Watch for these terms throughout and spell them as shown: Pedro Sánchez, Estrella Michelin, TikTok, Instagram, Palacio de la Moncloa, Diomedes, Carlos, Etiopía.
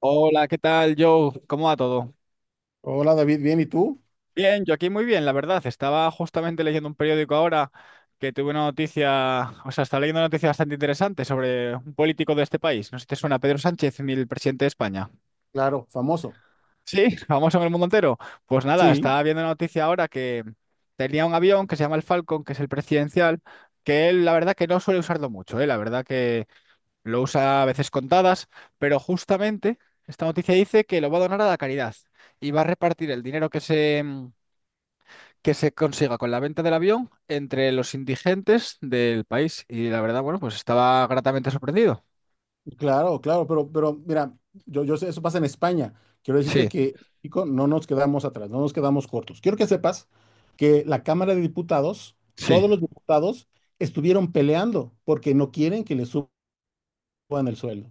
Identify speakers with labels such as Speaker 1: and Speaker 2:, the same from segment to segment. Speaker 1: Hola, ¿qué tal, Joe? ¿Cómo va todo?
Speaker 2: Hola David, bien, ¿y tú?
Speaker 1: Bien, yo aquí muy bien, la verdad. Estaba justamente leyendo un periódico ahora que tuve una noticia, o sea, estaba leyendo una noticia bastante interesante sobre un político de este país. No sé si te suena Pedro Sánchez, el presidente de España.
Speaker 2: Claro. Famoso.
Speaker 1: Sí, famoso en el mundo entero. Pues nada,
Speaker 2: Sí,
Speaker 1: estaba viendo una noticia ahora que tenía un avión que se llama el Falcon, que es el presidencial, que él la verdad que no suele usarlo mucho, ¿eh? La verdad que. Lo usa a veces contadas, pero justamente esta noticia dice que lo va a donar a la caridad y va a repartir el dinero que se consiga con la venta del avión entre los indigentes del país. Y la verdad, bueno, pues estaba gratamente sorprendido.
Speaker 2: claro, claro, pero mira, yo sé, eso pasa en España. Quiero
Speaker 1: Sí,
Speaker 2: decirte que, México no nos quedamos atrás, no nos quedamos cortos. Quiero que sepas que la Cámara de Diputados,
Speaker 1: sí,
Speaker 2: todos los diputados estuvieron peleando porque no quieren que le suban el sueldo.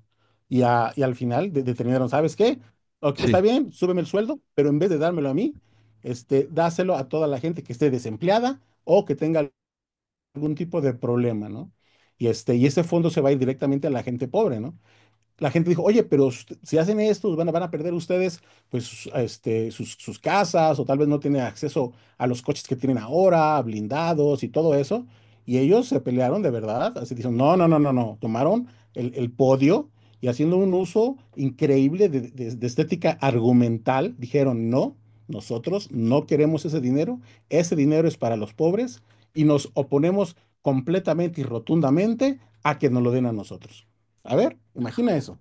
Speaker 2: Y, y al final determinaron, ¿sabes qué? Ok, está
Speaker 1: sí.
Speaker 2: bien, súbeme el sueldo, pero en vez de dármelo a mí, dáselo a toda la gente que esté desempleada o que tenga algún tipo de problema, ¿no? Y y ese fondo se va a ir directamente a la gente pobre, ¿no? La gente dijo, oye, pero si hacen esto, van a perder ustedes pues sus casas o tal vez no tienen acceso a los coches que tienen ahora, blindados y todo eso. Y ellos se pelearon de verdad, así dicen, no, no, no, no, no, tomaron el podio y haciendo un uso increíble de estética argumental, dijeron, no, nosotros no queremos ese dinero es para los pobres y nos oponemos completamente y rotundamente a que nos lo den a nosotros. A ver, imagina eso.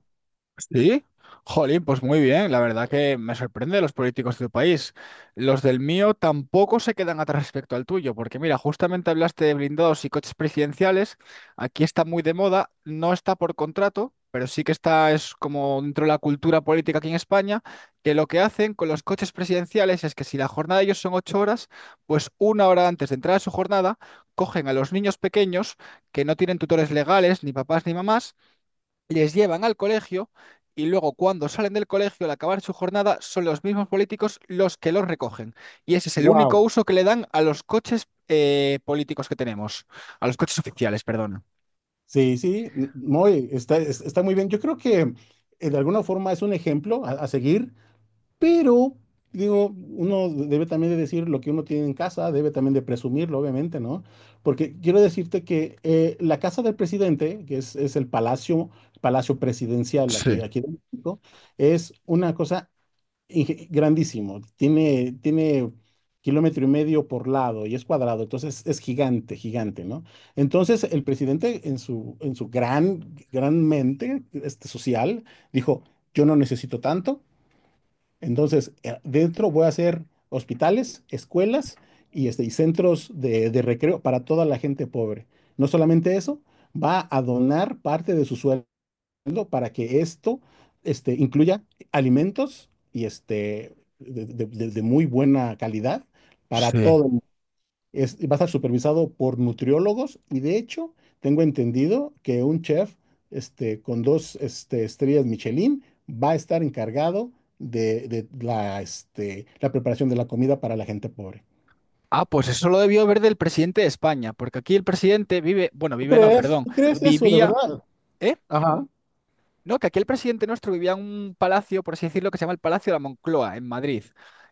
Speaker 1: Sí, jolín, pues muy bien. La verdad que me sorprende los políticos de tu país. Los del mío tampoco se quedan atrás respecto al tuyo, porque mira, justamente hablaste de blindados y coches presidenciales. Aquí está muy de moda, no está por contrato, pero sí que está, es como dentro de la cultura política aquí en España, que lo que hacen con los coches presidenciales es que si la jornada de ellos son ocho horas, pues una hora antes de entrar a su jornada, cogen a los niños pequeños que no tienen tutores legales, ni papás ni mamás les llevan al colegio y luego cuando salen del colegio al acabar su jornada son los mismos políticos los que los recogen. Y ese es el único
Speaker 2: Wow,
Speaker 1: uso que le dan a los coches políticos que tenemos, a los coches oficiales, perdón.
Speaker 2: sí, sí, no, está, está muy bien. Yo creo que de alguna forma es un ejemplo a seguir, pero digo, uno debe también de decir lo que uno tiene en casa, debe también de presumirlo, obviamente, ¿no? Porque quiero decirte que la casa del presidente, que es el palacio, palacio presidencial
Speaker 1: Sí,
Speaker 2: aquí, aquí en México, es una cosa grandísimo. Tiene kilómetro y medio por lado y es cuadrado, entonces es gigante, gigante, ¿no? Entonces el presidente en su gran, gran mente social dijo, yo no necesito tanto, entonces dentro voy a hacer hospitales, escuelas y, y centros de recreo para toda la gente pobre. No solamente eso, va a donar parte de su sueldo para que esto incluya alimentos y de muy buena calidad para
Speaker 1: sí.
Speaker 2: todo el mundo. Va a estar supervisado por nutriólogos y de hecho tengo entendido que un chef con dos estrellas Michelin va a estar encargado de la preparación de la comida para la gente pobre.
Speaker 1: Ah, pues eso lo debió ver del presidente de España, porque aquí el presidente vive, bueno,
Speaker 2: ¿Tú
Speaker 1: vive no,
Speaker 2: crees?
Speaker 1: perdón,
Speaker 2: ¿Tú crees eso de
Speaker 1: vivía,
Speaker 2: verdad?
Speaker 1: ¿eh?
Speaker 2: Ajá.
Speaker 1: No, que aquí el presidente nuestro vivía en un palacio, por así decirlo, que se llama el Palacio de la Moncloa, en Madrid.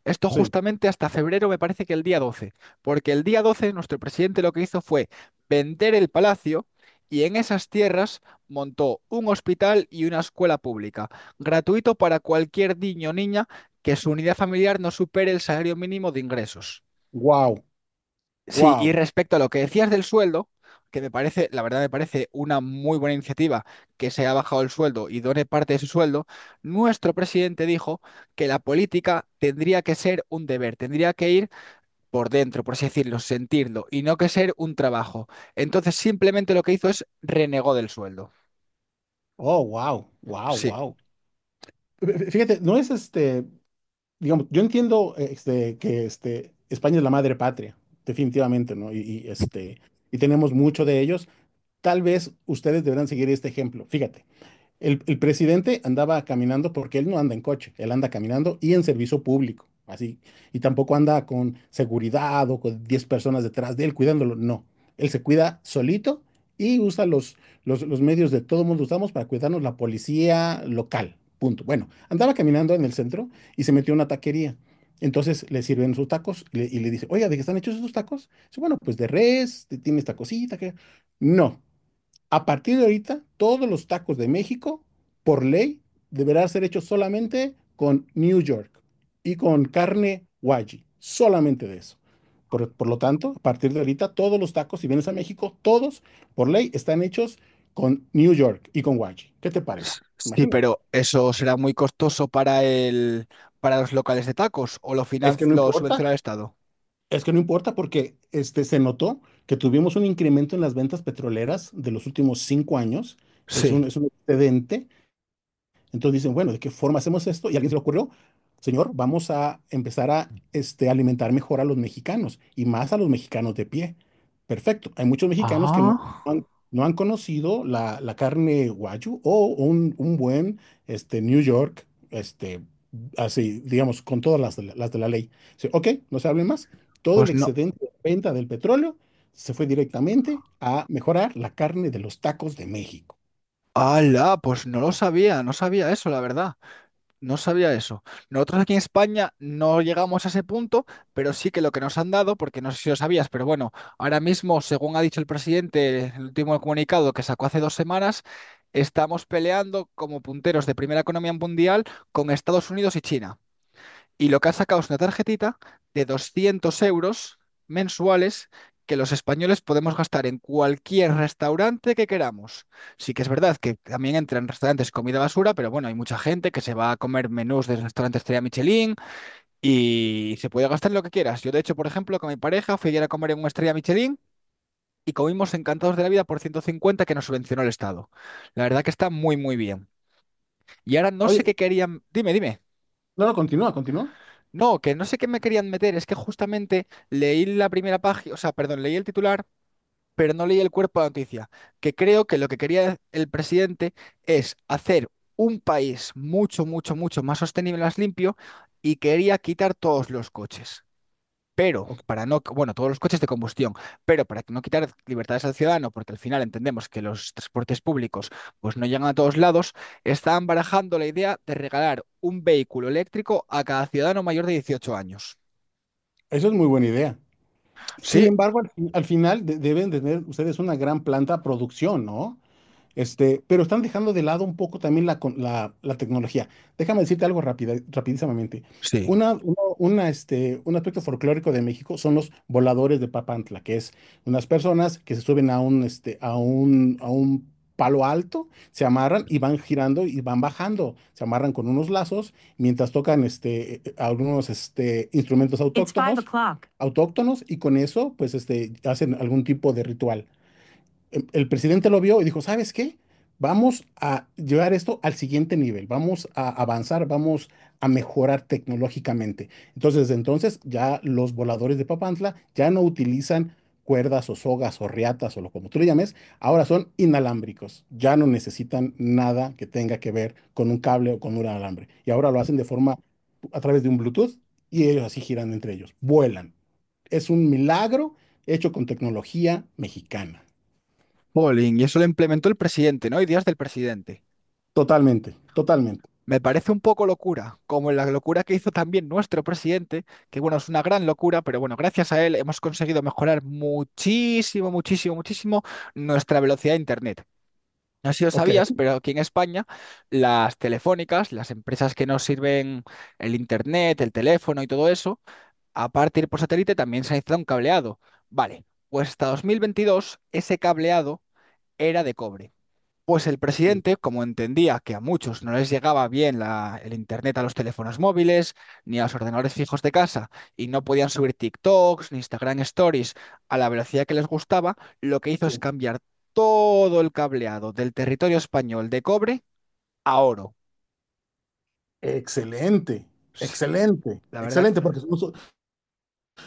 Speaker 1: Esto justamente hasta febrero, me parece que el día 12, porque el día 12 nuestro presidente lo que hizo fue vender el palacio y en esas tierras montó un hospital y una escuela pública, gratuito para cualquier niño o niña que su unidad familiar no supere el salario mínimo de ingresos.
Speaker 2: Wow,
Speaker 1: Sí, y
Speaker 2: wow.
Speaker 1: respecto a lo que decías del sueldo, que me parece, la verdad me parece una muy buena iniciativa que se ha bajado el sueldo y done parte de su sueldo, nuestro presidente dijo que la política tendría que ser un deber, tendría que ir por dentro, por así decirlo, sentirlo, y no que ser un trabajo. Entonces simplemente lo que hizo es renegó del sueldo.
Speaker 2: Oh, wow, wow,
Speaker 1: Sí.
Speaker 2: wow. Fíjate, no es digamos, yo entiendo que España es la madre patria, definitivamente, ¿no? Y tenemos mucho de ellos. Tal vez ustedes deberán seguir este ejemplo. Fíjate. El presidente andaba caminando porque él no anda en coche, él anda caminando y en servicio público, así. Y tampoco anda con seguridad o con 10 personas detrás de él cuidándolo, no. Él se cuida solito y usa los medios de todo mundo usamos para cuidarnos la policía local, punto. Bueno, andaba caminando en el centro y se metió a una taquería. Entonces le sirven sus tacos y le dice, oiga, ¿de qué están hechos esos tacos? Dice, bueno, pues de res, tiene esta cosita que. No, a partir de ahorita, todos los tacos de México, por ley, deberán ser hechos solamente con New York y con carne wagyu, solamente de eso. Por lo tanto, a partir de ahorita, todos los tacos, si vienes a México, todos, por ley, están hechos con New York y con wagyu. ¿Qué te parece?
Speaker 1: Sí,
Speaker 2: Imagina.
Speaker 1: pero eso será muy costoso para el, para los locales de tacos o lo
Speaker 2: Es que no
Speaker 1: lo
Speaker 2: importa.
Speaker 1: subvenciona el Estado.
Speaker 2: Es que no importa porque se notó que tuvimos un incremento en las ventas petroleras de los últimos 5 años. Es un,
Speaker 1: Sí.
Speaker 2: es un excedente. Entonces dicen, bueno, ¿de qué forma hacemos esto? Y a alguien se le ocurrió, señor, vamos a empezar a alimentar mejor a los mexicanos y más a los mexicanos de pie. Perfecto. Hay muchos mexicanos que no
Speaker 1: Ah,
Speaker 2: han, no han conocido la carne guayu o un buen New York, así, digamos, con todas las de la ley. Dice, ok, no se hable más. Todo el
Speaker 1: pues no.
Speaker 2: excedente de venta del petróleo se fue directamente a mejorar la carne de los tacos de México.
Speaker 1: ¡Hala! Pues no lo sabía, no sabía eso, la verdad. No sabía eso. Nosotros aquí en España no llegamos a ese punto, pero sí que lo que nos han dado, porque no sé si lo sabías, pero bueno, ahora mismo, según ha dicho el presidente, el último comunicado que sacó hace dos semanas, estamos peleando como punteros de primera economía mundial con Estados Unidos y China y lo que ha sacado es una tarjetita de 200 euros mensuales que los españoles podemos gastar en cualquier restaurante que queramos. Sí que es verdad que también entran en restaurantes comida basura, pero bueno, hay mucha gente que se va a comer menús de restaurantes Estrella Michelin y se puede gastar lo que quieras. Yo, de hecho, por ejemplo, con mi pareja fui ayer a comer en una Estrella Michelin y comimos encantados de la vida por 150 que nos subvencionó el Estado. La verdad que está muy, muy bien. Y ahora no sé qué
Speaker 2: Oye,
Speaker 1: querían. Dime, dime.
Speaker 2: no, no, continúa, continúa.
Speaker 1: No, que no sé qué me querían meter, es que justamente leí la primera página, o sea, perdón, leí el titular, pero no leí el cuerpo de la noticia, que creo que lo que quería el presidente es hacer un país mucho, mucho, mucho más sostenible, más limpio, y quería quitar todos los coches. Pero para no, bueno, todos los coches de combustión, pero para no quitar libertades al ciudadano, porque al final entendemos que los transportes públicos pues no llegan a todos lados, están barajando la idea de regalar un vehículo eléctrico a cada ciudadano mayor de 18 años.
Speaker 2: Eso es muy buena idea. Sin
Speaker 1: Sí,
Speaker 2: embargo, al final deben tener ustedes una gran planta producción, ¿no? Pero están dejando de lado un poco también la tecnología. Déjame decirte algo rapidísimamente.
Speaker 1: sí.
Speaker 2: Un aspecto folclórico de México son los voladores de Papantla, que es unas personas que se suben a un, este, a un palo alto, se amarran y van girando y van bajando. Se amarran con unos lazos mientras tocan algunos instrumentos It's five autóctonos, o'clock autóctonos y con eso pues hacen algún tipo de ritual. El presidente lo vio y dijo, ¿sabes qué? Vamos a llevar esto al siguiente nivel, vamos a avanzar, vamos a mejorar tecnológicamente. Entonces, desde entonces ya los voladores de Papantla ya no utilizan cuerdas o sogas o riatas o lo como tú le llames, ahora son inalámbricos, ya no necesitan nada que tenga que ver con un cable o con un alambre. Y ahora lo hacen de forma a través de un Bluetooth y ellos así giran entre ellos, vuelan. Es un milagro hecho con tecnología mexicana.
Speaker 1: Polling, y eso lo implementó el presidente, ¿no? Ideas del presidente.
Speaker 2: Totalmente, totalmente.
Speaker 1: Me parece un poco locura, como la locura que hizo también nuestro presidente, que bueno, es una gran locura, pero bueno, gracias a él hemos conseguido mejorar muchísimo, muchísimo, muchísimo nuestra velocidad de Internet. No sé si lo
Speaker 2: Ok.
Speaker 1: sabías, pero aquí en España las telefónicas, las empresas que nos sirven el internet, el teléfono y todo eso, aparte de ir por satélite, también se ha instalado un cableado. Vale, pues hasta 2022 ese cableado era de cobre. Pues el
Speaker 2: Sí.
Speaker 1: presidente, como entendía que a muchos no les llegaba bien el internet a los teléfonos móviles ni a los ordenadores fijos de casa y no podían subir TikToks ni Instagram Stories a la velocidad que les gustaba, lo que hizo es
Speaker 2: Sí.
Speaker 1: cambiar todo el cableado del territorio español de cobre a oro.
Speaker 2: Excelente,
Speaker 1: Sí.
Speaker 2: excelente,
Speaker 1: La verdad.
Speaker 2: excelente, porque no,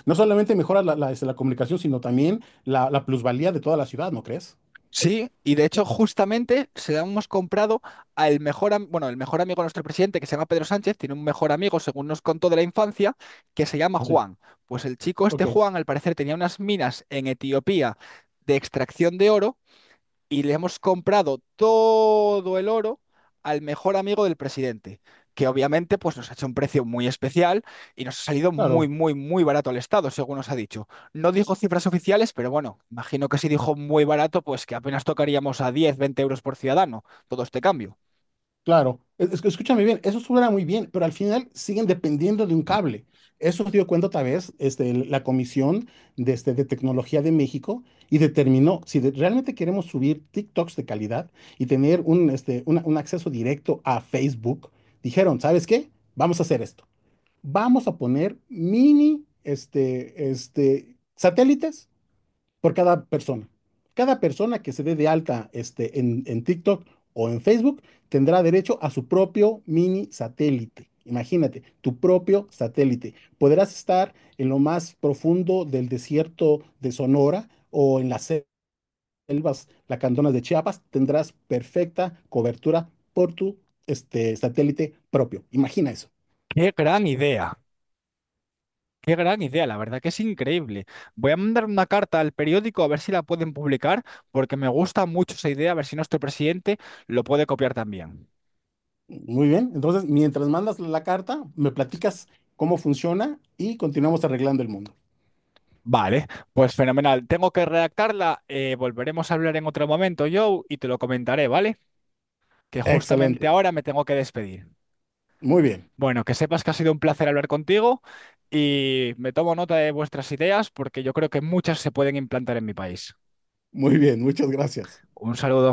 Speaker 2: no solamente mejora la comunicación, sino también la plusvalía de toda la ciudad, ¿no crees?
Speaker 1: Sí, y de hecho justamente se la hemos comprado al mejor, bueno, el mejor amigo de nuestro presidente, que se llama Pedro Sánchez, tiene un mejor amigo, según nos contó de la infancia, que se llama
Speaker 2: Sí,
Speaker 1: Juan. Pues el chico este
Speaker 2: ok,
Speaker 1: Juan, al parecer, tenía unas minas en Etiopía de extracción de oro y le hemos comprado todo el oro al mejor amigo del presidente, que obviamente pues nos ha hecho un precio muy especial y nos ha salido muy,
Speaker 2: claro.
Speaker 1: muy, muy barato al Estado, según nos ha dicho. No dijo cifras oficiales, pero bueno, imagino que si dijo muy barato, pues que apenas tocaríamos a 10, 20 euros por ciudadano, todo este cambio.
Speaker 2: Claro, es que escúchame bien, eso suena muy bien, pero al final siguen dependiendo de un cable. Eso se dio cuenta otra vez la Comisión de Tecnología de México y determinó si realmente queremos subir TikToks de calidad y tener un acceso directo a Facebook, dijeron, ¿sabes qué? Vamos a hacer esto. Vamos a poner mini satélites por cada persona. Cada persona que se dé de alta en TikTok o en Facebook tendrá derecho a su propio mini satélite. Imagínate, tu propio satélite. Podrás estar en lo más profundo del desierto de Sonora o en las selvas lacandonas de Chiapas. Tendrás perfecta cobertura por tu satélite propio. Imagina eso.
Speaker 1: Qué gran idea. Qué gran idea, la verdad que es increíble. Voy a mandar una carta al periódico a ver si la pueden publicar, porque me gusta mucho esa idea, a ver si nuestro presidente lo puede copiar también.
Speaker 2: Muy bien. Entonces, mientras mandas la carta, me platicas cómo funciona y continuamos arreglando el mundo.
Speaker 1: Vale, pues fenomenal. Tengo que redactarla. Volveremos a hablar en otro momento, Joe, y te lo comentaré, ¿vale? Que justamente
Speaker 2: Excelente.
Speaker 1: ahora me tengo que despedir.
Speaker 2: Muy bien,
Speaker 1: Bueno, que sepas que ha sido un placer hablar contigo y me tomo nota de vuestras ideas porque yo creo que muchas se pueden implantar en mi país.
Speaker 2: muy bien. Muchas gracias.
Speaker 1: Un saludo.